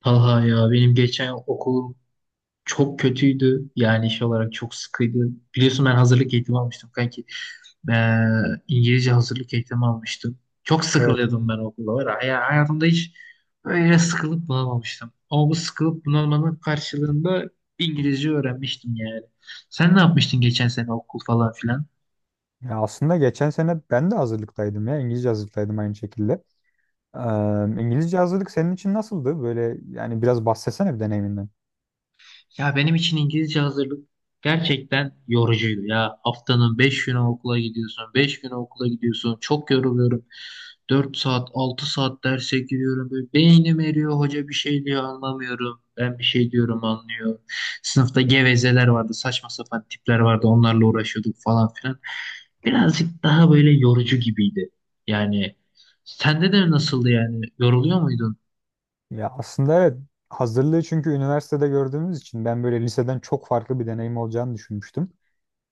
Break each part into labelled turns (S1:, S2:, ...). S1: Talha ya benim geçen okulum çok kötüydü. Yani iş olarak çok sıkıydı. Biliyorsun ben hazırlık eğitimi almıştım kanki. Ee, İngilizce hazırlık eğitimi almıştım. Çok
S2: Evet.
S1: sıkılıyordum ben okulda var. Ya. Ya hayatımda hiç böyle sıkılıp bunalmamıştım. Ama bu sıkılıp bunalmanın karşılığında İngilizce öğrenmiştim yani. Sen ne yapmıştın geçen sene okul falan filan?
S2: Ya aslında geçen sene ben de hazırlıktaydım ya. İngilizce hazırlıktaydım aynı şekilde. Ee, İngilizce hazırlık senin için nasıldı? Böyle yani biraz bahsetsene bir deneyiminden.
S1: Ya benim için İngilizce hazırlık gerçekten yorucuydu ya. Haftanın 5 günü okula gidiyorsun, 5 günü okula gidiyorsun. Çok yoruluyorum. 4 saat, 6 saat derse giriyorum. Böyle beynim eriyor, hoca bir şey diyor anlamıyorum. Ben bir şey diyorum anlıyor. Sınıfta gevezeler vardı, saçma sapan tipler vardı. Onlarla uğraşıyorduk falan filan. Birazcık daha böyle yorucu gibiydi. Yani sende de nasıldı yani? Yoruluyor muydun?
S2: Ya aslında evet hazırlığı çünkü üniversitede gördüğümüz için ben böyle liseden çok farklı bir deneyim olacağını düşünmüştüm.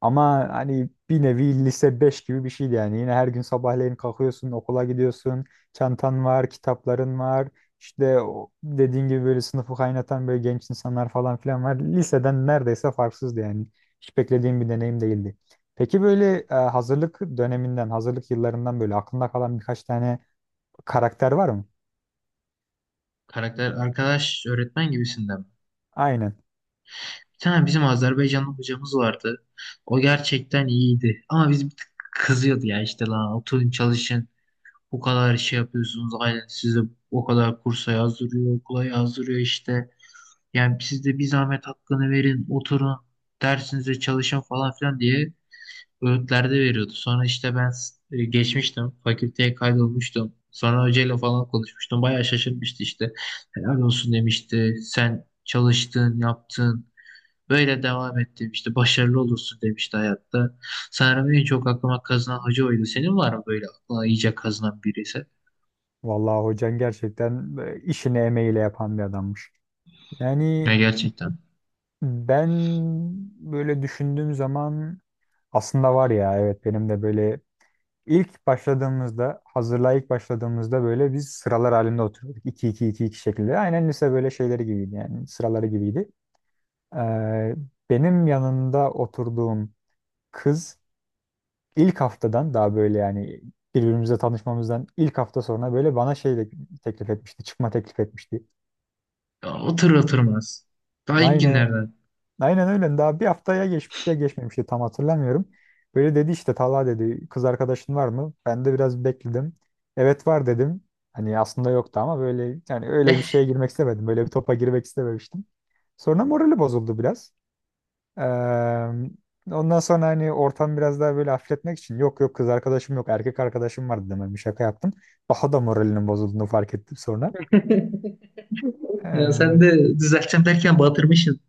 S2: Ama hani bir nevi lise 5 gibi bir şeydi yani. Yine her gün sabahleyin kalkıyorsun, okula gidiyorsun, çantan var, kitapların var. İşte o dediğin gibi böyle sınıfı kaynatan böyle genç insanlar falan filan var. Liseden neredeyse farksızdı yani. Hiç beklediğim bir deneyim değildi. Peki böyle hazırlık döneminden, hazırlık yıllarından böyle aklında kalan birkaç tane karakter var mı?
S1: Karakter arkadaş öğretmen gibisinden mi?
S2: Aynen.
S1: Bir tane bizim Azerbaycanlı hocamız vardı. O gerçekten iyiydi. Ama biz bir tık kızıyordu ya işte lan oturun çalışın. Bu kadar şey yapıyorsunuz. Aynen sizi o kadar kursa yazdırıyor, okula yazdırıyor işte. Yani siz de bir zahmet hakkını verin, oturun, dersinize çalışın falan filan diye öğütlerde veriyordu. Sonra işte ben geçmiştim, fakülteye kaydolmuştum. Sonra hocayla falan konuşmuştum. Bayağı şaşırmıştı işte. Helal olsun demişti. Sen çalıştın, yaptın. Böyle devam et demişti. Başarılı olursun demişti hayatta. Sanırım en çok aklıma kazınan hoca oydu. Senin var mı böyle aklına iyice kazınan birisi?
S2: Vallahi hocan gerçekten işini emeğiyle yapan bir adammış.
S1: Ya
S2: Yani
S1: gerçekten.
S2: ben böyle düşündüğüm zaman aslında var ya, evet benim de böyle ilk başladığımızda hazırlığa ilk başladığımızda böyle biz sıralar halinde oturuyorduk, iki iki iki iki şeklinde. Aynen lise böyle şeyleri gibiydi yani sıraları gibiydi. Ee, benim yanında oturduğum kız ilk haftadan daha böyle yani birbirimize tanışmamızdan ilk hafta sonra böyle bana şey de teklif etmişti. Çıkma teklif etmişti.
S1: Ya otur oturmaz. Daha ilk
S2: Aynı
S1: günlerden.
S2: Aynen öyle. Daha bir haftaya geçmişti ya geçmemişti tam hatırlamıyorum. Böyle dedi işte, Talha dedi, kız arkadaşın var mı? Ben de biraz bekledim. Evet var dedim. Hani aslında yoktu ama böyle yani öyle bir şeye girmek istemedim. Böyle bir topa girmek istememiştim. Sonra morali bozuldu biraz. Ee, ondan sonra hani ortam biraz daha böyle hafifletmek için yok yok kız arkadaşım yok, erkek arkadaşım var dedim. Hani bir şaka yaptım. Daha da moralinin bozulduğunu fark ettim sonra.
S1: Ya sen
S2: Ee,
S1: de düzelteceğim derken batırmışsın.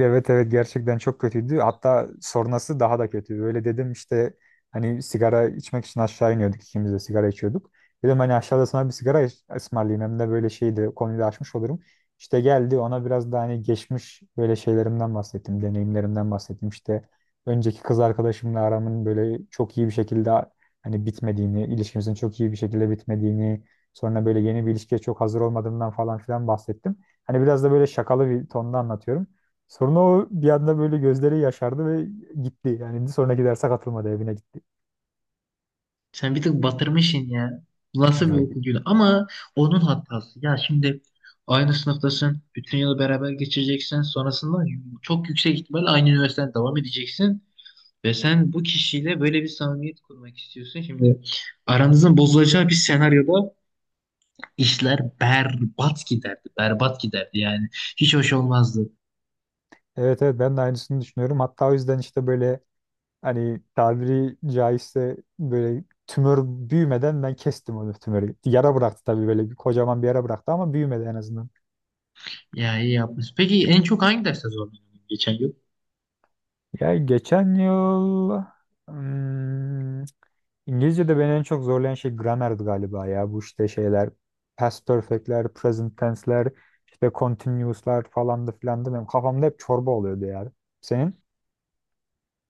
S2: Evet evet gerçekten çok kötüydü. Hatta sonrası daha da kötü. Böyle dedim işte hani sigara içmek için aşağı iniyorduk, ikimiz de sigara içiyorduk. Dedim hani aşağıda sana bir sigara ısmarlayayım, hem de böyle şeyi de konuyu da açmış olurum. İşte geldi ona, biraz da hani geçmiş böyle şeylerimden bahsettim, deneyimlerimden bahsettim. İşte önceki kız arkadaşımla aramın böyle çok iyi bir şekilde hani bitmediğini, ilişkimizin çok iyi bir şekilde bitmediğini, sonra böyle yeni bir ilişkiye çok hazır olmadığımdan falan filan bahsettim. Hani biraz da böyle şakalı bir tonda anlatıyorum. Sonra o bir anda böyle gözleri yaşardı ve gitti. Yani sonraki derse katılmadı, evine gitti.
S1: Sen bir tık batırmışsın ya. Nasıl bir
S2: Ya,
S1: okul günü? Ama onun hatası. Ya şimdi aynı sınıftasın. Bütün yılı beraber geçireceksin. Sonrasında çok yüksek ihtimalle aynı üniversiteden devam edeceksin. Ve sen bu kişiyle böyle bir samimiyet kurmak istiyorsun. Şimdi aranızın bozulacağı bir senaryoda işler berbat giderdi. Berbat giderdi yani. Hiç hoş olmazdı.
S2: evet evet ben de aynısını düşünüyorum. Hatta o yüzden işte böyle hani tabiri caizse böyle tümör büyümeden ben kestim onu, tümörü. Yara bıraktı tabii, böyle bir kocaman bir yara bıraktı ama büyümedi en azından.
S1: Ya iyi yapmış. Peki en çok hangi derste zorlandın geçen yıl?
S2: Ya geçen yıl hmm, İngilizce'de beni en çok zorlayan şey gramerdi galiba ya. Bu işte şeyler past perfect'ler, present tense'ler, işte continuous'lar falan da filan da benim kafamda hep çorba oluyordu yani. Senin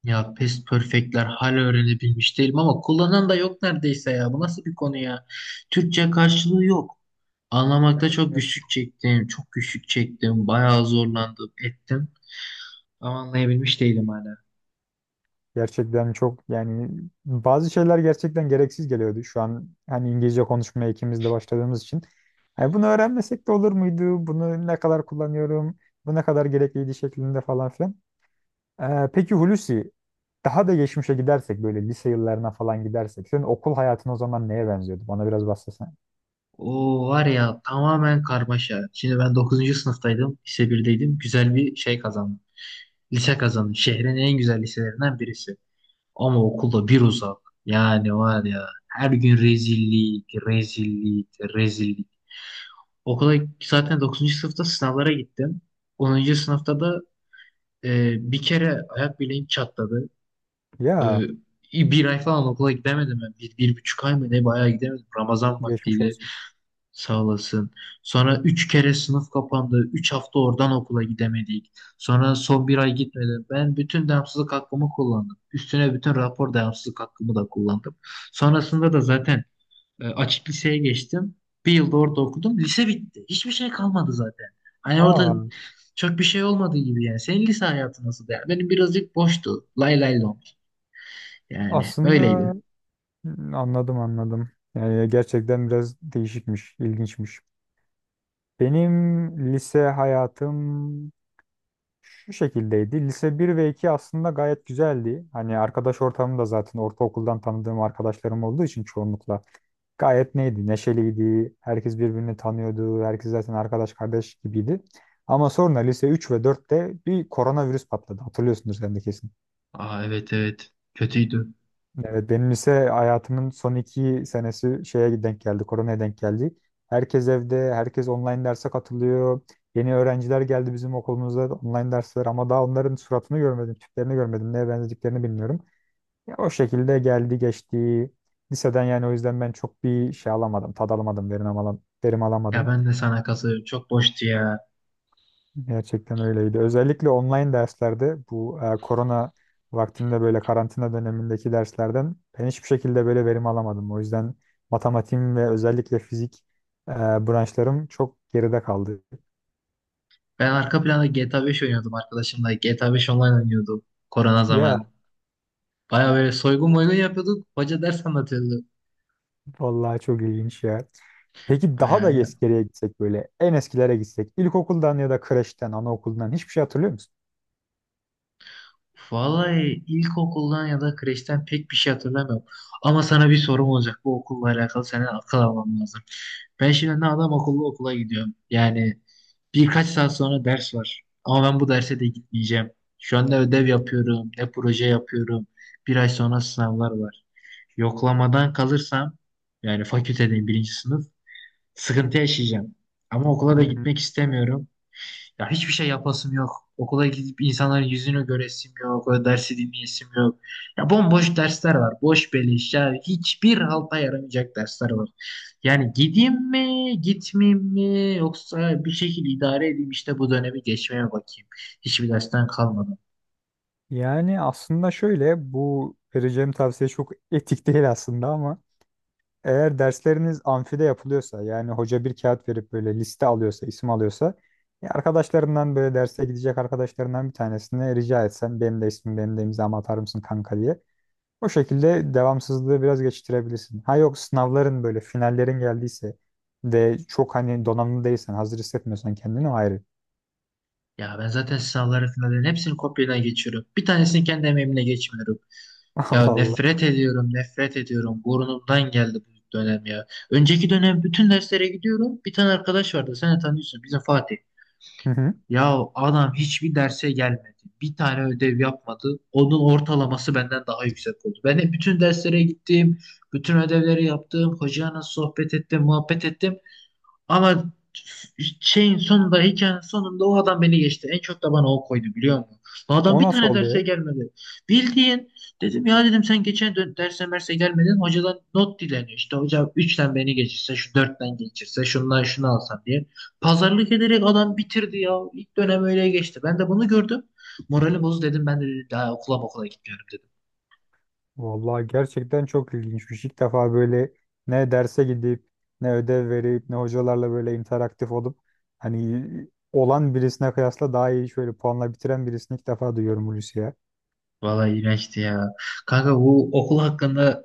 S1: Ya past perfect'ler hala öğrenebilmiş değilim ama kullanan da yok neredeyse ya. Bu nasıl bir konu ya? Türkçe karşılığı yok. Anlamakta çok
S2: evet.
S1: güçlük çektim. Çok güçlük çektim. Bayağı zorlandım, ettim. Ama anlayabilmiş değilim hala.
S2: Gerçekten çok yani bazı şeyler gerçekten gereksiz geliyordu şu an. Hani İngilizce konuşmaya ikimiz de başladığımız için. Hani bunu öğrenmesek de olur muydu? Bunu ne kadar kullanıyorum? Bu ne kadar gerekliydi şeklinde falan filan. Peki Hulusi, daha da geçmişe gidersek böyle lise yıllarına falan gidersek senin okul hayatın o zaman neye benziyordu? Bana biraz bahsetsene.
S1: O var ya tamamen karmaşa. Şimdi ben dokuzuncu sınıftaydım. Lise 1'deydim. Güzel bir şey kazandım. Lise kazandım. Şehrin en güzel liselerinden birisi. Ama okulda bir uzak. Yani var ya her gün rezillik, rezillik, rezillik. Okula zaten dokuzuncu sınıfta sınavlara gittim. Onuncu sınıfta da bir kere ayak bileğim çatladı. E,
S2: Ya
S1: Bir ay falan okula gidemedim ben. Bir, bir buçuk ay mı ne bayağı gidemedim. Ramazan
S2: geçmiş
S1: vaktiydi.
S2: olsun.
S1: Sağ olasın. Sonra üç kere sınıf kapandı. Üç hafta oradan okula gidemedik. Sonra son bir ay gitmedim. Ben bütün devamsızlık hakkımı kullandım. Üstüne bütün rapor devamsızlık hakkımı da kullandım. Sonrasında da zaten açık liseye geçtim. Bir yılda orada okudum. Lise bitti. Hiçbir şey kalmadı zaten. Hani orada
S2: Aa,
S1: çok bir şey olmadığı gibi yani. Senin lise hayatı nasıl der? Benim birazcık boştu. Lay lay lom. Yani öyleydi.
S2: aslında anladım anladım. Yani gerçekten biraz değişikmiş, ilginçmiş. Benim lise hayatım şu şekildeydi. Lise bir ve 2 aslında gayet güzeldi. Hani arkadaş ortamım da zaten ortaokuldan tanıdığım arkadaşlarım olduğu için çoğunlukla gayet neydi? Neşeliydi. Herkes birbirini tanıyordu. Herkes zaten arkadaş kardeş gibiydi. Ama sonra lise 3 ve dörtte bir koronavirüs patladı. Hatırlıyorsundur sen de kesin.
S1: Aa, evet, evet. Kötüydü.
S2: Evet, benim lise hayatımın son iki senesi şeye denk geldi. Koronaya denk geldi. Herkes evde. Herkes online derse katılıyor. Yeni öğrenciler geldi bizim okulumuza, online dersler, ama daha onların suratını görmedim, tiplerini görmedim, neye benzediklerini bilmiyorum. Ya o şekilde geldi geçti. Liseden yani, o yüzden ben çok bir şey alamadım, tad alamadım, verim alamadım, verim
S1: Ya
S2: alamadım.
S1: ben de sana katılıyorum. Çok boştu ya.
S2: Gerçekten öyleydi. Özellikle online derslerde bu korona vaktinde böyle karantina dönemindeki derslerden ben hiçbir şekilde böyle verim alamadım. O yüzden matematiğim ve özellikle fizik e, branşlarım çok geride kaldı.
S1: Ben arka planda GTA 5 oynuyordum arkadaşımla. GTA 5 online oynuyordum korona
S2: Ya
S1: zamanı. Baya böyle soygun moygun yapıyorduk. Hoca ders anlatıyordu.
S2: vallahi çok ilginç ya. Peki
S1: Baya
S2: daha da
S1: ya.
S2: geriye gitsek böyle en eskilere gitsek ilkokuldan ya da kreşten, anaokuldan hiçbir şey hatırlıyor musun?
S1: Vallahi ilkokuldan ya da kreşten pek bir şey hatırlamıyorum. Ama sana bir sorum olacak. Bu okulla alakalı senin akıl alman lazım. Ben şimdi ne adam akıllı okula gidiyorum. Yani birkaç saat sonra ders var. Ama ben bu derse de gitmeyeceğim. Şu an ne ödev yapıyorum, ne proje yapıyorum. Bir ay sonra sınavlar var. Yoklamadan kalırsam yani fakültedeyim birinci sınıf sıkıntı yaşayacağım. Ama okula da
S2: Hmm,
S1: gitmek istemiyorum. Ya hiçbir şey yapasım yok. Okula gidip insanların yüzünü göresim yok. O dersi dinleyesim yok. Ya bomboş dersler var. Boş beleş. Ya hiçbir halta yaramayacak dersler var. Yani gideyim mi, gitmeyeyim mi yoksa bir şekilde idare edeyim işte bu dönemi geçmeye bakayım. Hiçbir dersten kalmadım.
S2: Yani aslında şöyle, bu vereceğim tavsiye çok etik değil aslında ama eğer dersleriniz amfide yapılıyorsa, yani hoca bir kağıt verip böyle liste alıyorsa, isim alıyorsa, ya arkadaşlarından böyle derse gidecek arkadaşlarından bir tanesine rica etsen benim de ismim, benim de imzamı atar mısın kanka diye. O şekilde devamsızlığı biraz geçiştirebilirsin. Ha yok, sınavların böyle finallerin geldiyse de çok hani donanımlı değilsen, hazır hissetmiyorsan kendini, o ayrı.
S1: Ya ben zaten sınavları finallerin hepsini kopyadan geçiyorum. Bir tanesini kendi emeğimle geçmiyorum.
S2: Allah
S1: Ya
S2: Allah.
S1: nefret ediyorum, nefret ediyorum. Burnumdan geldi bu dönem ya. Önceki dönem bütün derslere gidiyorum. Bir tane arkadaş vardı, sen de tanıyorsun, bizim Fatih.
S2: Hı hı.
S1: Ya adam hiçbir derse gelmedi. Bir tane ödev yapmadı. Onun ortalaması benden daha yüksek oldu. Ben de bütün derslere gittim, bütün ödevleri yaptım. Hocayla sohbet ettim, muhabbet ettim. Ama şeyin sonunda hikayenin sonunda o adam beni geçti. En çok da bana o koydu biliyor musun? Bu adam
S2: O
S1: bir
S2: nasıl
S1: tane
S2: oldu ya?
S1: derse gelmedi. Bildiğin dedim ya dedim sen derse merse gelmedin. Hocadan not dileniyor. İşte hoca üçten beni geçirse şu dörtten geçirse şundan şunu alsan diye. Pazarlık ederek adam bitirdi ya. İlk dönem öyle geçti. Ben de bunu gördüm. Moralim bozdu dedim ben de daha okula gitmiyorum dedim.
S2: Vallahi gerçekten çok ilginçmiş. İlk defa böyle ne derse gidip ne ödev verip ne hocalarla böyle interaktif olup hani olan birisine kıyasla daha iyi şöyle puanla bitiren birisini ilk defa duyuyorum Hulusi ya.
S1: Vallahi iğrençti ya. Kanka bu okul hakkında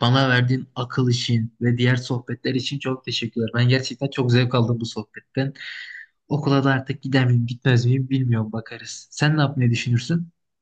S1: bana verdiğin akıl için ve diğer sohbetler için çok teşekkürler. Ben gerçekten çok zevk aldım bu sohbetten. Okula da artık gider miyim, gitmez miyim bilmiyorum bakarız. Sen ne yapmayı düşünürsün?